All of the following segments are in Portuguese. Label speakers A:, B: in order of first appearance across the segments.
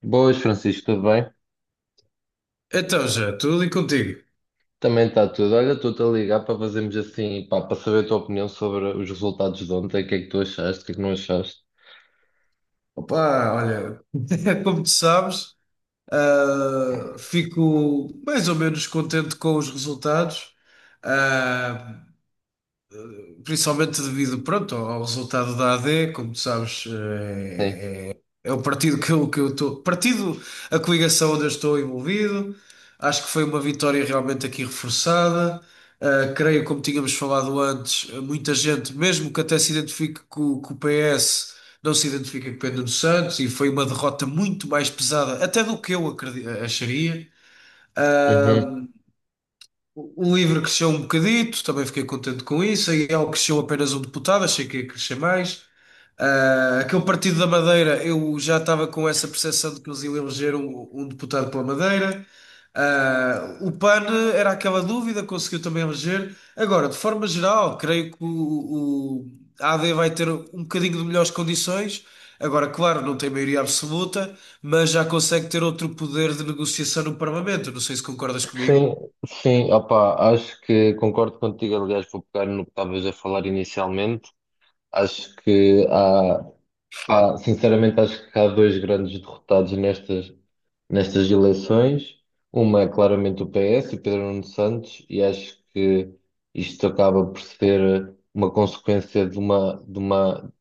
A: Boas, Francisco, tudo bem?
B: Então, já, tudo e contigo?
A: Também está tudo. Olha, estou-te a ligar para fazermos assim, pá, para saber a tua opinião sobre os resultados de ontem, o que é que tu achaste, o que é que não achaste.
B: Opa, olha, como tu sabes, fico mais ou menos contente com os resultados. ah, Principalmente devido, pronto, ao resultado da AD, como tu sabes.
A: Sim.
B: É o partido que eu estou. Partido, a coligação onde eu estou envolvido. Acho que foi uma vitória realmente aqui reforçada. Creio, como tínhamos falado antes, muita gente, mesmo que até se identifique com o PS, não se identifica com Pedro Santos e foi uma derrota muito mais pesada, até do que eu acharia. Ah,
A: Uhum.
B: o livro cresceu um bocadito, também fiquei contente com isso. A IEL cresceu apenas um deputado, achei que ia crescer mais. Aquele Partido da Madeira, eu já estava com essa percepção de que eles iam eleger um deputado pela Madeira. O PAN era aquela dúvida, conseguiu também eleger. Agora, de forma geral, creio que o AD vai ter um bocadinho de melhores condições. Agora, claro, não tem maioria absoluta, mas já consegue ter outro poder de negociação no Parlamento. Não sei se concordas comigo.
A: sim, sim, opá, acho que concordo contigo. Aliás, vou pegar no que estavas a falar inicialmente. Acho que há. Pá, sinceramente, acho que há dois grandes derrotados nestas eleições. Uma é claramente o PS, o Pedro Nuno Santos, e acho que isto acaba por ser uma consequência de uma, de uma,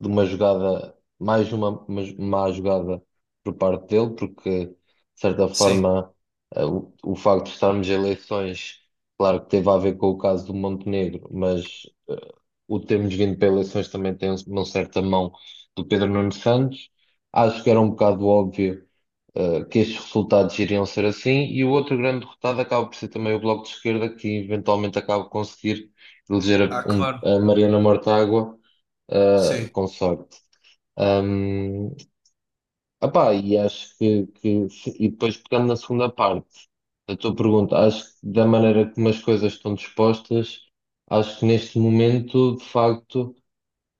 A: de uma jogada, mais uma, má jogada por parte dele, porque, de certa
B: Sim.
A: forma, o facto de estarmos em eleições, claro que teve a ver com o caso do Montenegro. Mas o termos vindo para eleições também tem um, uma certa mão do Pedro Nuno Santos. Acho que era um bocado óbvio, que estes resultados iriam ser assim. E o outro grande derrotado acaba por ser também o Bloco de Esquerda, que eventualmente acaba por conseguir eleger
B: Ah, claro.
A: a Mariana Mortágua,
B: Sim,
A: com sorte. Um, epá, e acho que e depois pegando na segunda parte da tua pergunta, acho que da maneira como as coisas estão dispostas, acho que neste momento, de facto,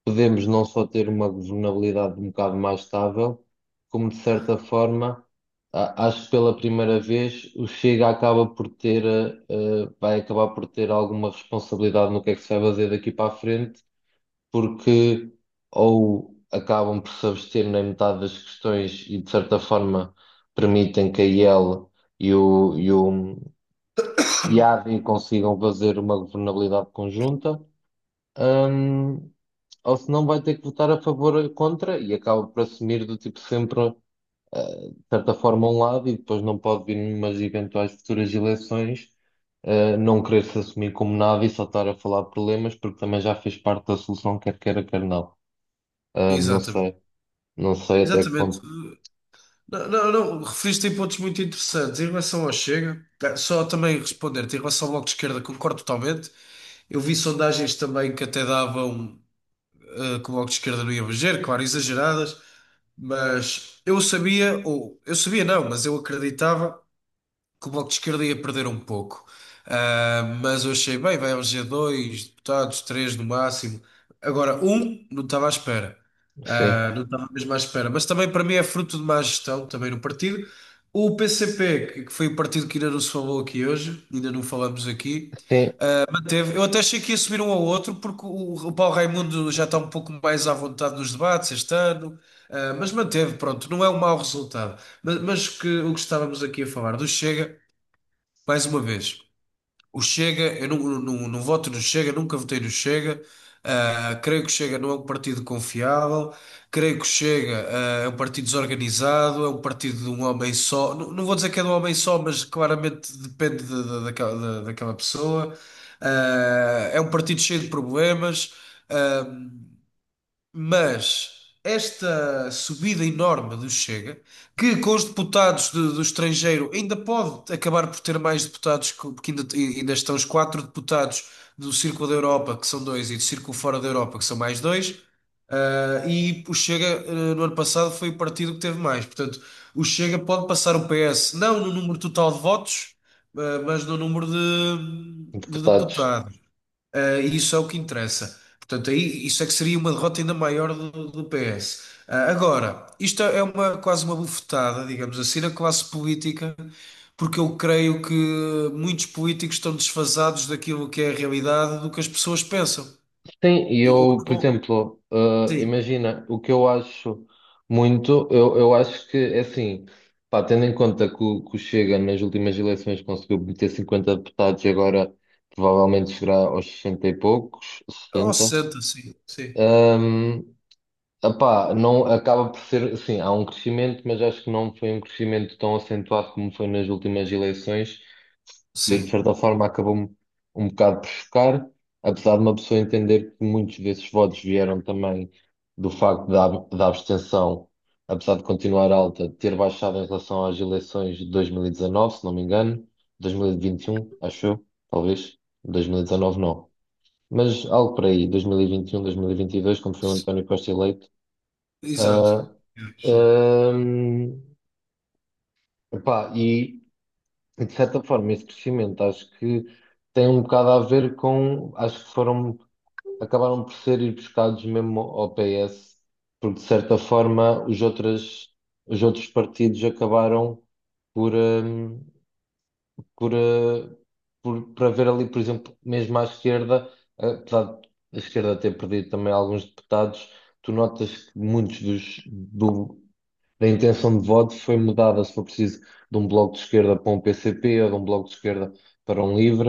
A: podemos não só ter uma governabilidade um bocado mais estável, como de certa forma, acho que pela primeira vez o Chega acaba por ter, vai acabar por ter alguma responsabilidade no que é que se vai fazer daqui para a frente, porque ou acabam por se abster na metade das questões e de certa forma permitem que a IEL e o e a AD consigam fazer uma governabilidade conjunta. Hum, ou se não vai ter que votar a favor ou contra e acaba por assumir do tipo sempre, de certa forma, um lado, e depois não pode vir numas eventuais futuras eleições, não querer se assumir como nada e só estar a falar de problemas porque também já fez parte da solução, quer queira, quer não. Ah, não
B: exatamente.
A: sei, não sei até que
B: Exatamente.
A: ponto.
B: Não, não, não, referiste em pontos muito interessantes. Em relação ao Chega, tá, só também responder-te, em relação ao Bloco de Esquerda, concordo totalmente. Eu vi sondagens também que até davam, que o Bloco de Esquerda não ia eleger, claro, exageradas, mas eu sabia, ou eu sabia não, mas eu acreditava. Que o Bloco de Esquerda ia perder um pouco. Mas eu achei, bem, vai eleger dois deputados, três no máximo. Agora, um não estava à espera.
A: Sim,
B: Não. Yeah. Estava mesmo à espera. Mas também para mim é fruto de má gestão também no partido. O P PCP, que foi o partido que ainda não se falou aqui hoje, ainda não falamos aqui,
A: sim,
B: manteve. Eu até achei que ia subir um ao outro, porque o Paulo Raimundo já está um pouco mais à vontade nos debates este ano. Mas manteve, pronto, não é um mau resultado. Mas que, o que estávamos aqui a falar do Chega. Mais uma vez, o Chega, eu não, não, não voto no Chega, nunca votei no Chega. Creio que o Chega não é um partido confiável. Creio que o Chega, é um partido desorganizado, é um partido de um homem só. Não, não vou dizer que é de um homem só, mas claramente depende daquela pessoa. É um partido cheio de problemas. Ah, mas esta subida enorme do Chega, que com os deputados do estrangeiro ainda pode acabar por ter mais deputados, porque ainda estão os quatro deputados do Círculo da Europa, que são dois, e do Círculo fora da Europa, que são mais dois. E o Chega, no ano passado foi o partido que teve mais. Portanto, o Chega pode passar o PS, não no número total de votos, mas no número de
A: deputados.
B: deputados. E isso é o que interessa. Portanto, aí, isso é que seria uma derrota ainda maior do PS. Agora, isto é uma, quase uma bufetada, digamos assim, na classe política, porque eu creio que muitos políticos estão desfasados daquilo que é a realidade, do que as pessoas pensam.
A: Sim, e
B: E, ou,
A: eu, por
B: ou,
A: exemplo,
B: sim,
A: imagina, o que eu acho muito, eu acho que, é assim, pá, tendo em conta que o Chega nas últimas eleições conseguiu meter 50 deputados e agora provavelmente chegará aos 60 e poucos,
B: ou
A: 60,
B: senta, sim, sim,
A: ehm, epá, não, acaba por ser, assim, há um crescimento, mas acho que não foi um crescimento tão acentuado como foi nas últimas eleições, que de
B: sim,
A: certa forma acabou-me um bocado por chocar, apesar de uma pessoa entender que muitos desses votos vieram também do facto da abstenção, apesar de continuar alta, ter baixado em relação às eleições de 2019, se não me engano, 2021, acho eu, talvez, 2019 não. Mas algo por aí, 2021, 2022, quando foi o António Costa eleito.
B: exato.
A: Ah,
B: Sim,
A: ahm, epá, e, de certa forma, esse crescimento acho que tem um bocado a ver com. Acho que foram. Acabaram por ser ir buscados mesmo ao PS, porque, de certa forma, os outros partidos acabaram por. Por, eh, para ver ali, por exemplo, mesmo à esquerda, apesar de a esquerda ter perdido também alguns deputados, tu notas que a intenção de voto foi mudada, se for preciso, de um bloco de esquerda para um PCP, ou de um bloco de esquerda para um livre,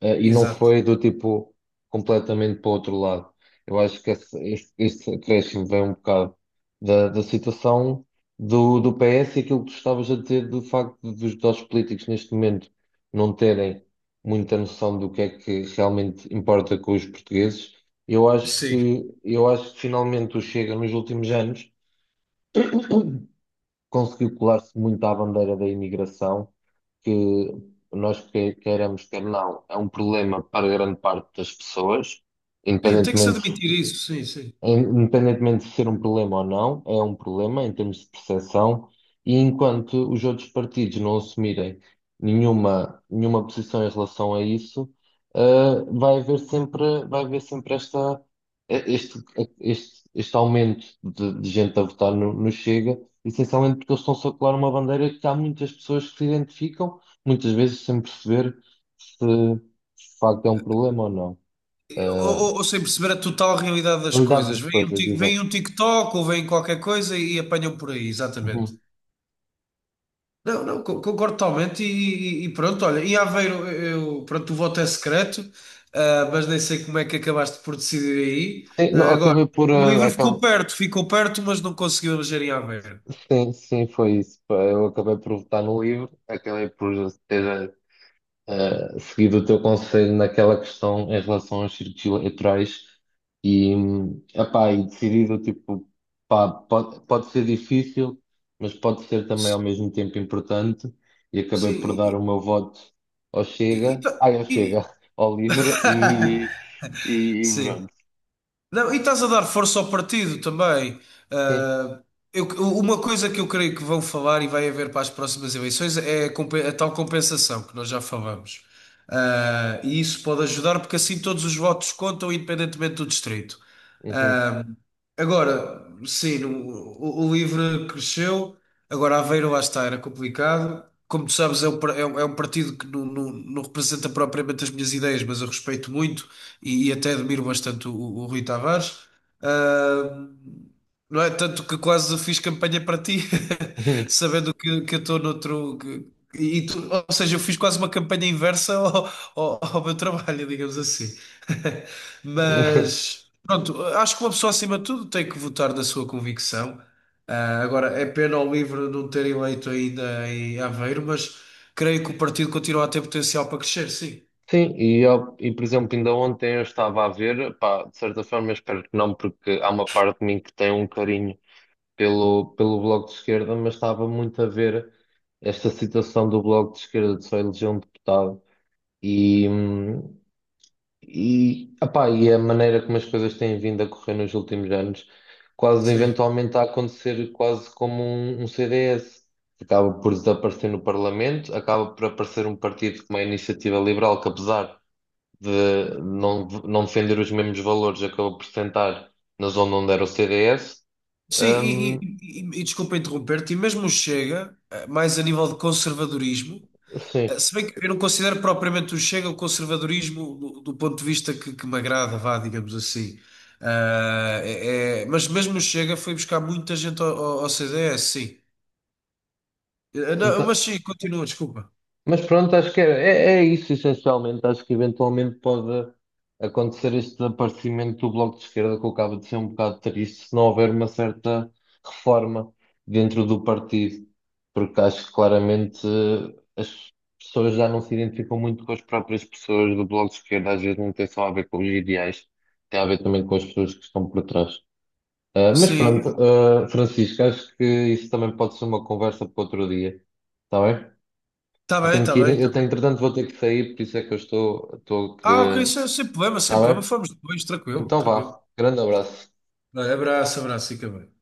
A: e não
B: exato.
A: foi do tipo completamente para o outro lado. Eu acho que este acréscimo vem um bocado da situação do PS e aquilo que tu estavas a dizer do facto dos políticos neste momento não terem muita noção do que é que realmente importa com os portugueses.
B: Sim.
A: Eu acho que finalmente o Chega nos últimos anos conseguiu colar-se muito à bandeira da imigração, que nós queiramos, quer não, é um problema para grande parte das pessoas,
B: Sim, tem que se
A: independentemente
B: admitir isso, sim, sim.
A: é, independentemente de ser um problema ou não, é um problema em termos de percepção. E enquanto os outros partidos não assumirem nenhuma posição em relação a isso, vai haver sempre esta, este aumento de gente a votar no Chega, essencialmente porque eles estão-se a colar uma bandeira que há muitas pessoas que se identificam, muitas vezes sem perceber se de facto é um problema ou não.
B: Ou sem perceber a total realidade
A: Eh,
B: das
A: lidar
B: coisas.
A: das
B: Vem um,
A: coisas,
B: Tik-
A: exato.
B: vem um TikTok ou vem qualquer coisa e apanham por aí, exatamente. Não, não, concordo totalmente e pronto, olha, em Aveiro, eu, pronto, o voto é secreto, mas nem sei como é que acabaste por decidir aí.
A: Sim, não,
B: Agora,
A: acabei por.
B: o livro ficou perto, mas não conseguiu eleger em Aveiro.
A: Sim, sim, foi isso. Pá, eu acabei por votar no livro, acabei por ter seguido o teu conselho naquela questão em relação aos círculos eleitorais e, epá, e decidido, tipo, pá, pode ser difícil, mas pode ser também ao mesmo tempo importante, e acabei por
B: Sim,
A: dar o meu voto
B: e- e tá-
A: Ao Chega,
B: e-
A: ao Livre e
B: Sim.
A: pronto.
B: Não, e estás a dar força ao partido também.
A: Sim.
B: Ah, eu- uma coisa que eu creio que vão falar e vai haver para as próximas eleições é a tal compensação que nós já falamos. E isso pode ajudar porque assim todos os votos contam, independentemente do distrito.
A: Uhum.
B: Ah, Agora, sim, o LIVRE cresceu. Agora, Aveiro, lá está, era complicado. Como tu sabes, é um partido que não representa propriamente as minhas ideias, mas eu respeito muito e até admiro bastante o Rui Tavares. Ah, não é? Tanto que quase fiz campanha para ti, sabendo que eu estou noutro. Ou seja, eu fiz quase uma campanha inversa ao meu trabalho, digamos assim. Mas, pronto, acho que uma pessoa acima de tudo tem que votar na sua convicção. Agora, é pena ao LIVRE não ter eleito ainda em Aveiro, mas creio que o partido continua a ter potencial para crescer, sim.
A: Sim, e, eu, e por exemplo, ainda ontem eu estava a ver, pá, de certa forma eu espero que não, porque há uma parte de mim que tem um carinho pelo Bloco de Esquerda, mas estava muito a ver esta situação do Bloco de Esquerda de só eleger um deputado e, epá, e a maneira como as coisas têm vindo a correr nos últimos anos, quase
B: Sim.
A: eventualmente a acontecer quase como um CDS. Acaba por desaparecer no Parlamento, acaba por aparecer um partido como a Iniciativa Liberal, que apesar de não defender os mesmos valores, acabou por sentar na zona onde era o CDS.
B: Sim,
A: Hum,
B: e desculpa interromper-te, e mesmo o Chega, mais a nível de conservadorismo.
A: sim.
B: Se bem que eu não considero propriamente o Chega o conservadorismo do ponto de vista que me agrada, vá, digamos assim. Mas mesmo o Chega foi buscar muita gente ao CDS, sim. Não, mas
A: Então,
B: sim, continua, desculpa.
A: mas pronto, acho que é, é isso essencialmente. Acho que eventualmente pode acontecer este desaparecimento do Bloco de Esquerda, que eu acabo de ser um bocado triste, se não houver uma certa reforma dentro do partido, porque acho que claramente as pessoas já não se identificam muito com as próprias pessoas do Bloco de Esquerda. Às vezes não tem só a ver com os ideais, tem a ver também com as pessoas que estão por trás. Ah, mas pronto,
B: Sim,
A: ah, Francisco, acho que isso também pode ser uma conversa para outro dia, está bem?
B: está bem, está bem,
A: Eu
B: está
A: tenho,
B: bem.
A: entretanto, vou ter que sair, por isso é que estou a
B: Ok,
A: querer.
B: sem problema, sem
A: Está
B: problema.
A: bem?
B: Falamos depois, tranquilo,
A: Então
B: tranquilo.
A: vá. Grande abraço.
B: Não, abraço, abraço, fica bem.